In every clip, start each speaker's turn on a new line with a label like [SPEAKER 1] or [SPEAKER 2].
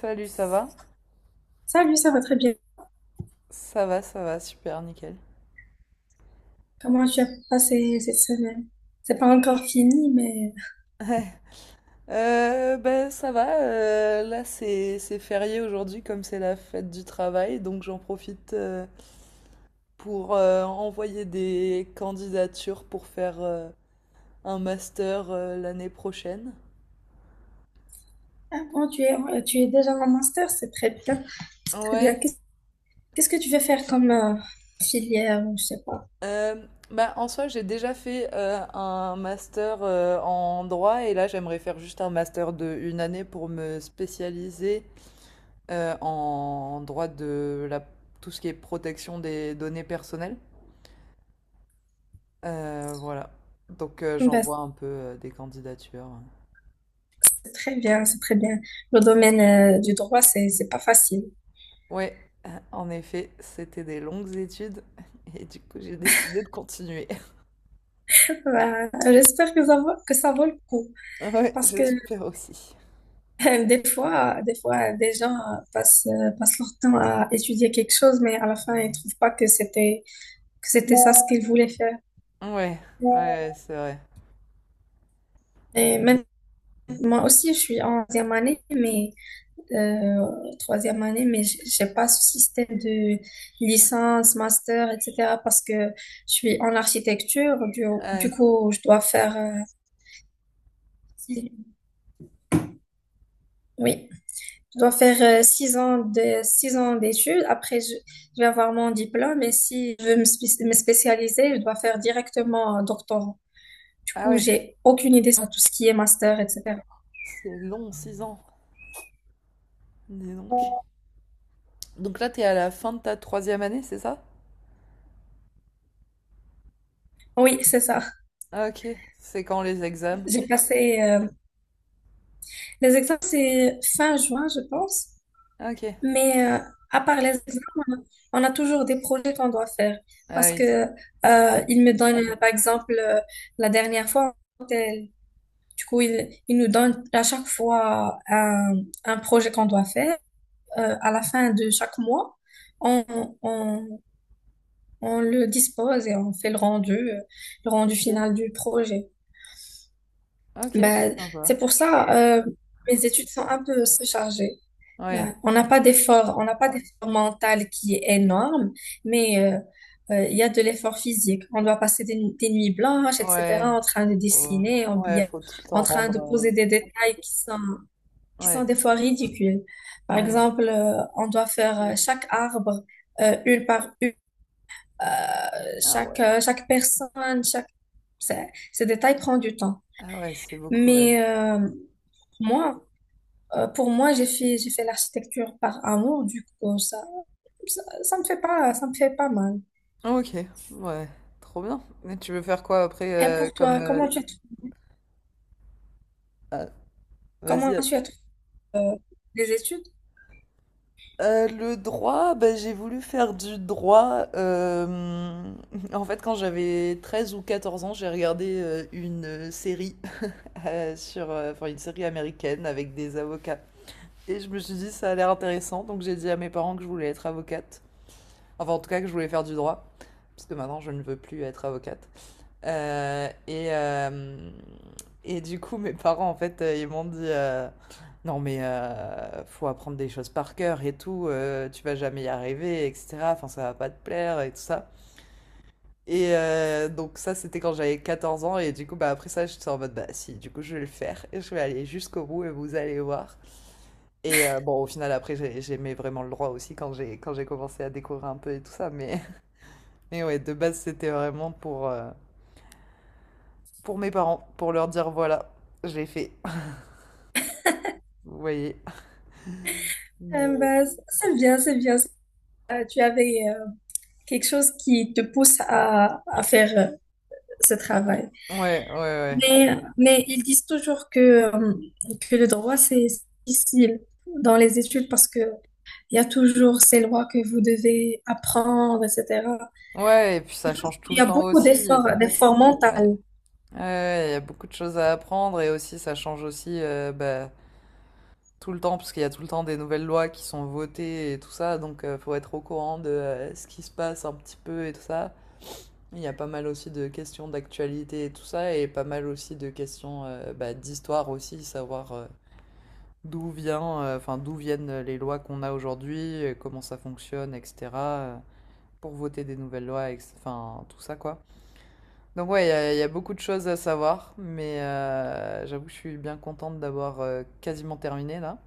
[SPEAKER 1] Salut, ça va?
[SPEAKER 2] Salut, ça va très bien.
[SPEAKER 1] Ça va, ça va, super, nickel.
[SPEAKER 2] Comment tu as passé cette semaine? C'est pas encore fini, mais
[SPEAKER 1] Ben ça va, là c'est férié aujourd'hui comme c'est la fête du travail, donc j'en profite pour envoyer des candidatures pour faire un master l'année prochaine.
[SPEAKER 2] ah bon, tu es déjà en master, c'est très bien, très bien.
[SPEAKER 1] Ouais,
[SPEAKER 2] Qu'est-ce que tu veux faire comme filière, ou je sais pas.
[SPEAKER 1] euh, bah en soi j'ai déjà fait un master en droit et là j'aimerais faire juste un master de une année pour me spécialiser en droit de la, tout ce qui est protection des données personnelles. Voilà. Donc
[SPEAKER 2] Bah,
[SPEAKER 1] j'envoie un peu des candidatures.
[SPEAKER 2] c'est très bien. Le domaine du droit, c'est pas facile.
[SPEAKER 1] Ouais, en effet, c'était des longues études et du coup j'ai décidé de continuer.
[SPEAKER 2] Bah, j'espère que ça vaut le coup,
[SPEAKER 1] Ouais,
[SPEAKER 2] parce que
[SPEAKER 1] j'espère aussi.
[SPEAKER 2] des fois, des gens euh, passent leur temps à étudier quelque chose, mais à la fin, ils trouvent pas que c'était ça ce qu'ils voulaient faire.
[SPEAKER 1] Ouais, ouais, c'est vrai.
[SPEAKER 2] Et même Moi aussi, je suis en deuxième année, mais euh, troisième année, mais j'ai pas ce système de licence, master, etc. parce que je suis en architecture. Du, du
[SPEAKER 1] Ouais.
[SPEAKER 2] coup, je dois faire, six- oui, 6 ans d'études. Après, je vais avoir mon diplôme. Et si je veux me spécialiser, je dois faire directement un doctorat. Du
[SPEAKER 1] Ah
[SPEAKER 2] coup,
[SPEAKER 1] ouais,
[SPEAKER 2] j'ai aucune idée sur tout ce qui est master, etc.
[SPEAKER 1] c'est long, 6 ans. Dis donc. Donc là, t'es à la fin de ta troisième année, c'est ça?
[SPEAKER 2] Oui, c'est ça.
[SPEAKER 1] Ah, ok, c'est quand les examens?
[SPEAKER 2] J'ai passé Les examens, c'est fin juin, je pense.
[SPEAKER 1] Ok.
[SPEAKER 2] Mais à part les examens, on a toujours des projets qu'on doit faire.
[SPEAKER 1] Ah
[SPEAKER 2] Parce que
[SPEAKER 1] oui.
[SPEAKER 2] ils me donne par exemple, la dernière fois, elle- du coup, ils il nous donne à chaque fois un projet qu'on doit faire. À la fin de chaque mois, on, on, on le dispose et on fait le rendu final
[SPEAKER 1] Ok,
[SPEAKER 2] du projet.
[SPEAKER 1] ok, c'est
[SPEAKER 2] Ben,
[SPEAKER 1] sympa.
[SPEAKER 2] c'est pour ça, mes études sont un peu surchargées.
[SPEAKER 1] Ouais.
[SPEAKER 2] Ben, on n'a pas d'effort mental qui est énorme, mais il y a de l'effort physique. On doit passer des nuits blanches, etc.,
[SPEAKER 1] Ouais,
[SPEAKER 2] en train de
[SPEAKER 1] faut
[SPEAKER 2] dessiner,
[SPEAKER 1] ouais, faut tout le
[SPEAKER 2] en
[SPEAKER 1] temps
[SPEAKER 2] train de
[SPEAKER 1] rendre.
[SPEAKER 2] poser des détails qui
[SPEAKER 1] Ouais.
[SPEAKER 2] sont des fois ridicules. Par
[SPEAKER 1] Mmh.
[SPEAKER 2] exemple, on doit faire chaque arbre, une par une, euh,
[SPEAKER 1] Ah
[SPEAKER 2] chaque,
[SPEAKER 1] ouais.
[SPEAKER 2] euh, chaque personne, chaque... Ces détails prennent du temps.
[SPEAKER 1] Ah ouais, c'est beaucoup, ouais.
[SPEAKER 2] Mais moi, pour moi, j'ai fait l'architecture par amour, du coup, ça. Ça me fait pas, ça me fait pas mal.
[SPEAKER 1] OK, ouais, trop bien. Mais tu veux faire quoi
[SPEAKER 2] Et
[SPEAKER 1] après?
[SPEAKER 2] pour
[SPEAKER 1] Comme,
[SPEAKER 2] toi,
[SPEAKER 1] heu, vas-y,
[SPEAKER 2] comment tu as trouvé euh, les études?
[SPEAKER 1] le droit, bah, j'ai voulu faire du droit, en fait, quand j'avais 13 ou 14 ans, j'ai regardé, une, série, sur, enfin, une série américaine avec des avocats et je me suis dit: «Ça a l'air intéressant», donc j'ai dit à mes parents que je voulais être avocate. Enfin, en tout cas, que je voulais faire du droit, puisque maintenant je ne veux plus être avocate. Euh, et, euh, et du coup, mes parents, en fait, ils m'ont dit non, mais faut apprendre des choses par cœur et tout, tu vas jamais y arriver, etc. Enfin, ça va pas te plaire et tout ça. Et donc, ça, c'était quand j'avais 14 ans, et du coup, bah, après ça, j'étais en mode bah, si, du coup, je vais le faire, et je vais aller jusqu'au bout, et vous allez voir. Et bon, au final, après, j'aimais vraiment le droit aussi quand j'ai commencé à découvrir un peu et tout ça, mais. Mais ouais, de base, c'était vraiment pour mes parents, pour leur dire voilà, j'ai fait. Vous voyez. Mais...
[SPEAKER 2] Ben, c'est bien. Tu avais quelque chose qui te pousse à faire ce travail.
[SPEAKER 1] Ouais, ouais, ouais.
[SPEAKER 2] Mais ils disent toujours que le droit, c'est difficile dans les études parce que il y a toujours ces lois que vous devez apprendre, etc.
[SPEAKER 1] Ouais, et puis ça change tout
[SPEAKER 2] Il y
[SPEAKER 1] le
[SPEAKER 2] a
[SPEAKER 1] temps
[SPEAKER 2] beaucoup
[SPEAKER 1] aussi.
[SPEAKER 2] d'efforts
[SPEAKER 1] Ouais,
[SPEAKER 2] mentaux.
[SPEAKER 1] ouais, ouais, il y a beaucoup de choses à apprendre et aussi ça change aussi bah, tout le temps parce qu'il y a tout le temps des nouvelles lois qui sont votées et tout ça, donc il faut être au courant de ce qui se passe un petit peu et tout ça. Il y a pas mal aussi de questions d'actualité et tout ça et pas mal aussi de questions bah, d'histoire aussi, savoir enfin, d'où viennent les lois qu'on a aujourd'hui, comment ça fonctionne, etc. euh, pour voter des nouvelles lois, enfin, tout ça, quoi. Donc, ouais, il y a beaucoup de choses à savoir, mais j'avoue que je suis bien contente d'avoir quasiment terminé là.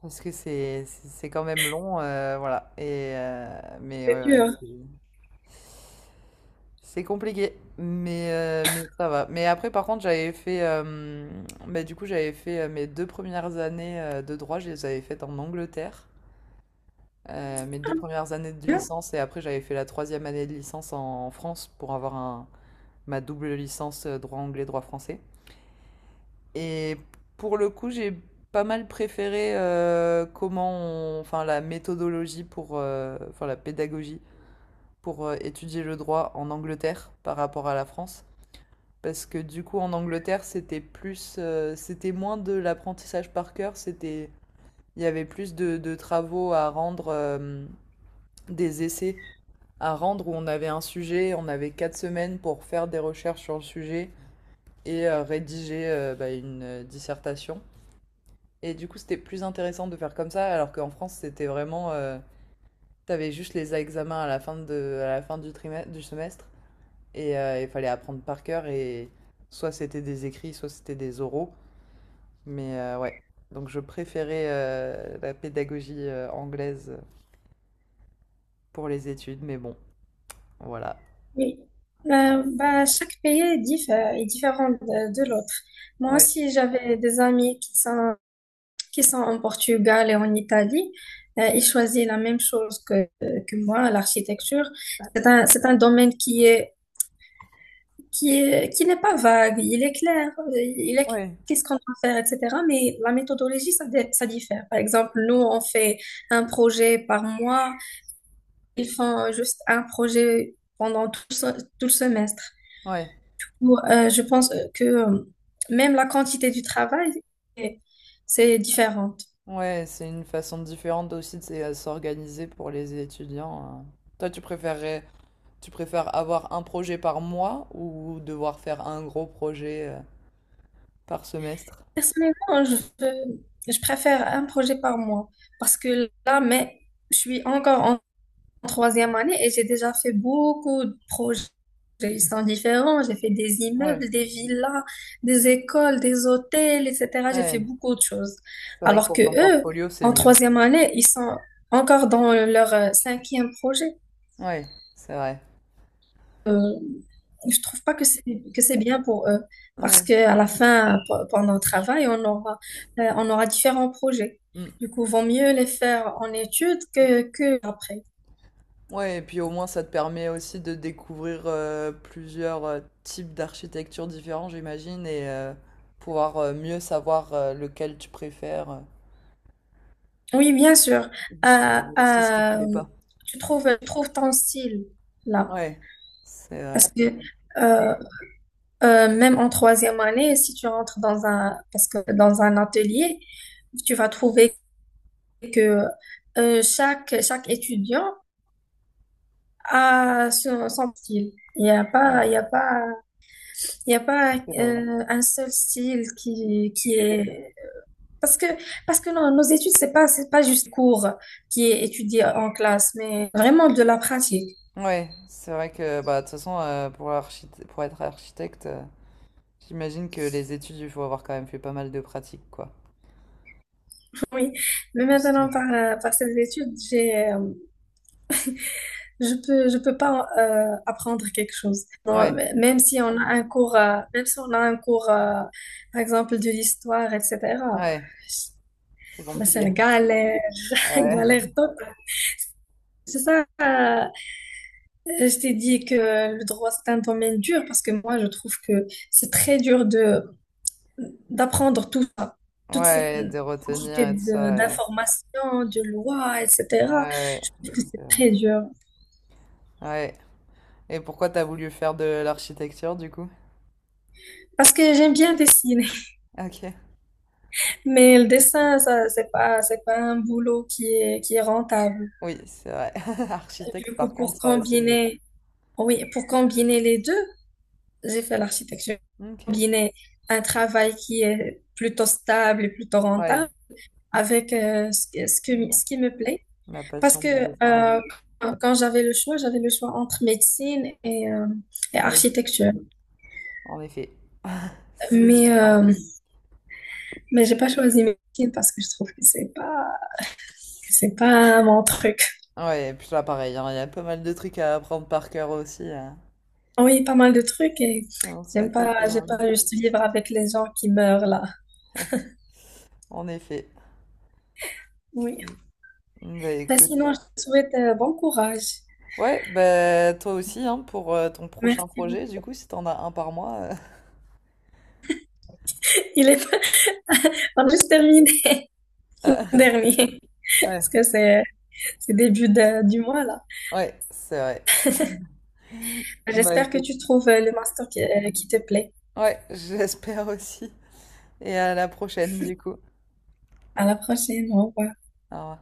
[SPEAKER 1] Parce que c'est quand même long, voilà. Mais
[SPEAKER 2] C'est
[SPEAKER 1] ouais, ouais,
[SPEAKER 2] dur.
[SPEAKER 1] c'est compliqué, mais ça va. Mais après, par contre, j'avais fait, bah, du coup, j'avais fait mes 2 premières années de droit, je les avais faites en Angleterre. Mes 2 premières années de licence et après j'avais fait la troisième année de licence en France pour avoir ma double licence droit anglais, droit français. Et pour le coup, j'ai pas mal préféré enfin la méthodologie enfin la pédagogie pour étudier le droit en Angleterre par rapport à la France. Parce que du coup, en Angleterre, c'était moins de l'apprentissage par cœur, c'était, il y avait plus de travaux à rendre, des essais à rendre où on avait un sujet, on avait 4 semaines pour faire des recherches sur le sujet et rédiger une dissertation. Et du coup, c'était plus intéressant de faire comme ça, alors qu'en France, c'était vraiment. T'avais juste les examens à la fin, à la fin du trimestre, du semestre et il fallait apprendre par cœur et soit c'était des écrits, soit c'était des oraux. Ouais, donc je préférais la pédagogie anglaise pour les études, mais bon, voilà.
[SPEAKER 2] Oui, bah, chaque pays est, est différent de l'autre. Moi
[SPEAKER 1] Ouais,
[SPEAKER 2] aussi, j'avais des amis qui sont en Portugal et en Italie. Ils choisissent la même chose que moi, l'architecture. C'est un domaine qui n'est pas vague, il est clair, il est
[SPEAKER 1] ouais,
[SPEAKER 2] qu'est-ce qu'on doit faire, etc. Mais la méthodologie, ça diffère. Par exemple, nous, on fait un projet par mois. Ils font juste un projet pendant tout le semestre.
[SPEAKER 1] ouais.
[SPEAKER 2] Ou je pense que même la quantité du travail, c'est c'est différente.
[SPEAKER 1] Ouais, c'est une façon différente aussi de s'organiser pour les étudiants, hein. Toi, tu préfères avoir un projet par mois ou devoir faire un gros projet par semestre?
[SPEAKER 2] Personnellement, je préfère un projet par mois parce que là, mais je suis encore en troisième année et j'ai déjà fait beaucoup de projets. Ils sont différents. J'ai fait des
[SPEAKER 1] Ouais,
[SPEAKER 2] immeubles, des villas, des écoles, des hôtels, etc. J'ai fait
[SPEAKER 1] ouais.
[SPEAKER 2] beaucoup de choses.
[SPEAKER 1] C'est vrai que
[SPEAKER 2] Alors
[SPEAKER 1] pour
[SPEAKER 2] que
[SPEAKER 1] ton
[SPEAKER 2] eux,
[SPEAKER 1] portfolio, c'est
[SPEAKER 2] en
[SPEAKER 1] mieux.
[SPEAKER 2] troisième année, ils sont encore dans leur cinquième projet.
[SPEAKER 1] Ouais, c'est vrai.
[SPEAKER 2] Euh, je trouve pas que c'est bien pour eux parce
[SPEAKER 1] Ouais.
[SPEAKER 2] que à la fin pendant le travail on aura différents projets
[SPEAKER 1] Mm.
[SPEAKER 2] du coup vaut mieux les faire en études que après.
[SPEAKER 1] Ouais, et puis au moins, ça te permet aussi de découvrir plusieurs types d'architecture différents, j'imagine, et pouvoir mieux savoir lequel tu préfères.
[SPEAKER 2] Oui, bien sûr.
[SPEAKER 1] Et
[SPEAKER 2] Euh,
[SPEAKER 1] savoir aussi ce qui te
[SPEAKER 2] euh,
[SPEAKER 1] plaît pas.
[SPEAKER 2] tu trouves ton style là
[SPEAKER 1] Ouais, c'est vrai.
[SPEAKER 2] parce que euh, même en troisième année si tu rentres dans un atelier tu vas trouver que chaque étudiant son style. Il n'y a pas,
[SPEAKER 1] Ouais,
[SPEAKER 2] il y a pas, il y a pas
[SPEAKER 1] c'est vrai.
[SPEAKER 2] un seul style qui est... Parce que, parce que non, nos études, c'est pas juste cours qui est étudié en classe, mais vraiment de la pratique.
[SPEAKER 1] Ouais, c'est vrai que bah, de toute façon, pour être architecte, j'imagine que les études, il faut avoir quand même fait pas mal de pratiques, quoi.
[SPEAKER 2] Oui. Mais
[SPEAKER 1] Parce que-
[SPEAKER 2] maintenant, par ces études, je peux pas apprendre quelque chose. Moi,
[SPEAKER 1] Ouais,
[SPEAKER 2] m- même si on a un cours, même si on a un cours, par exemple, de l'histoire, etc.,
[SPEAKER 1] ouais, c'est
[SPEAKER 2] mais c'est la
[SPEAKER 1] compliqué.
[SPEAKER 2] galère,
[SPEAKER 1] Ouais,
[SPEAKER 2] galère totale. C'est ça, je t'ai dit que le droit, c'est un domaine dur parce que moi, je trouve que c'est très dur de d'apprendre tout ça, toute cette
[SPEAKER 1] ouais, de retenir
[SPEAKER 2] quantité
[SPEAKER 1] et tout ça,
[SPEAKER 2] de-
[SPEAKER 1] ouais.
[SPEAKER 2] d'informations, de lois, etc.
[SPEAKER 1] Ouais,
[SPEAKER 2] Je trouve que
[SPEAKER 1] c'est
[SPEAKER 2] c'est
[SPEAKER 1] vrai.
[SPEAKER 2] très dur.
[SPEAKER 1] Ouais. Et pourquoi t'as voulu faire de l'architecture, du coup?
[SPEAKER 2] Parce que j'aime bien dessiner,
[SPEAKER 1] Ok.
[SPEAKER 2] mais le dessin, ça, c'est pas un boulot qui est rentable.
[SPEAKER 1] Oui, c'est vrai. Architecte,
[SPEAKER 2] Du coup,
[SPEAKER 1] par
[SPEAKER 2] pour
[SPEAKER 1] contre, c'est mieux.
[SPEAKER 2] combiner, oui, pour combiner les deux, j'ai fait l'architecture.
[SPEAKER 1] Ok.
[SPEAKER 2] Combiner un travail qui est plutôt stable et plutôt
[SPEAKER 1] Ouais.
[SPEAKER 2] rentable avec
[SPEAKER 1] La
[SPEAKER 2] ce qui me plaît.
[SPEAKER 1] la
[SPEAKER 2] Parce
[SPEAKER 1] passion
[SPEAKER 2] que
[SPEAKER 1] du dessin, ouais.
[SPEAKER 2] euh, quand j'avais le choix entre médecine et
[SPEAKER 1] Ah oui,
[SPEAKER 2] architecture.
[SPEAKER 1] en effet. C'est
[SPEAKER 2] Mais,
[SPEAKER 1] différent.
[SPEAKER 2] euh, mais j'ai pas choisi médecine parce que je trouve que c'est pas mon truc.
[SPEAKER 1] Ouais, et puis là, pareil, hein, il y a pas mal de trucs à apprendre par cœur aussi, hein.
[SPEAKER 2] Ah oui, pas mal de trucs et
[SPEAKER 1] C'est un sacré
[SPEAKER 2] j'aime
[SPEAKER 1] programme.
[SPEAKER 2] pas juste vivre avec les gens qui meurent là.
[SPEAKER 1] En effet.
[SPEAKER 2] Oui.
[SPEAKER 1] Mm, Bah
[SPEAKER 2] Ben,
[SPEAKER 1] écoute.
[SPEAKER 2] sinon, je te souhaite bon courage.
[SPEAKER 1] Ouais, bah toi aussi, hein, pour ton prochain
[SPEAKER 2] Merci
[SPEAKER 1] projet, du
[SPEAKER 2] beaucoup.
[SPEAKER 1] coup, si t'en as un par mois.
[SPEAKER 2] Il est on a juste terminé. Le
[SPEAKER 1] euh,
[SPEAKER 2] dernier,
[SPEAKER 1] Ouais,
[SPEAKER 2] parce que c'est début du mois là.
[SPEAKER 1] ouais, c'est vrai. Bah
[SPEAKER 2] J'espère que
[SPEAKER 1] écoute,
[SPEAKER 2] tu trouves le master qui qui te plaît.
[SPEAKER 1] ouais, j'espère aussi. Et à la prochaine, du coup. Au
[SPEAKER 2] À la prochaine. Au revoir.
[SPEAKER 1] revoir.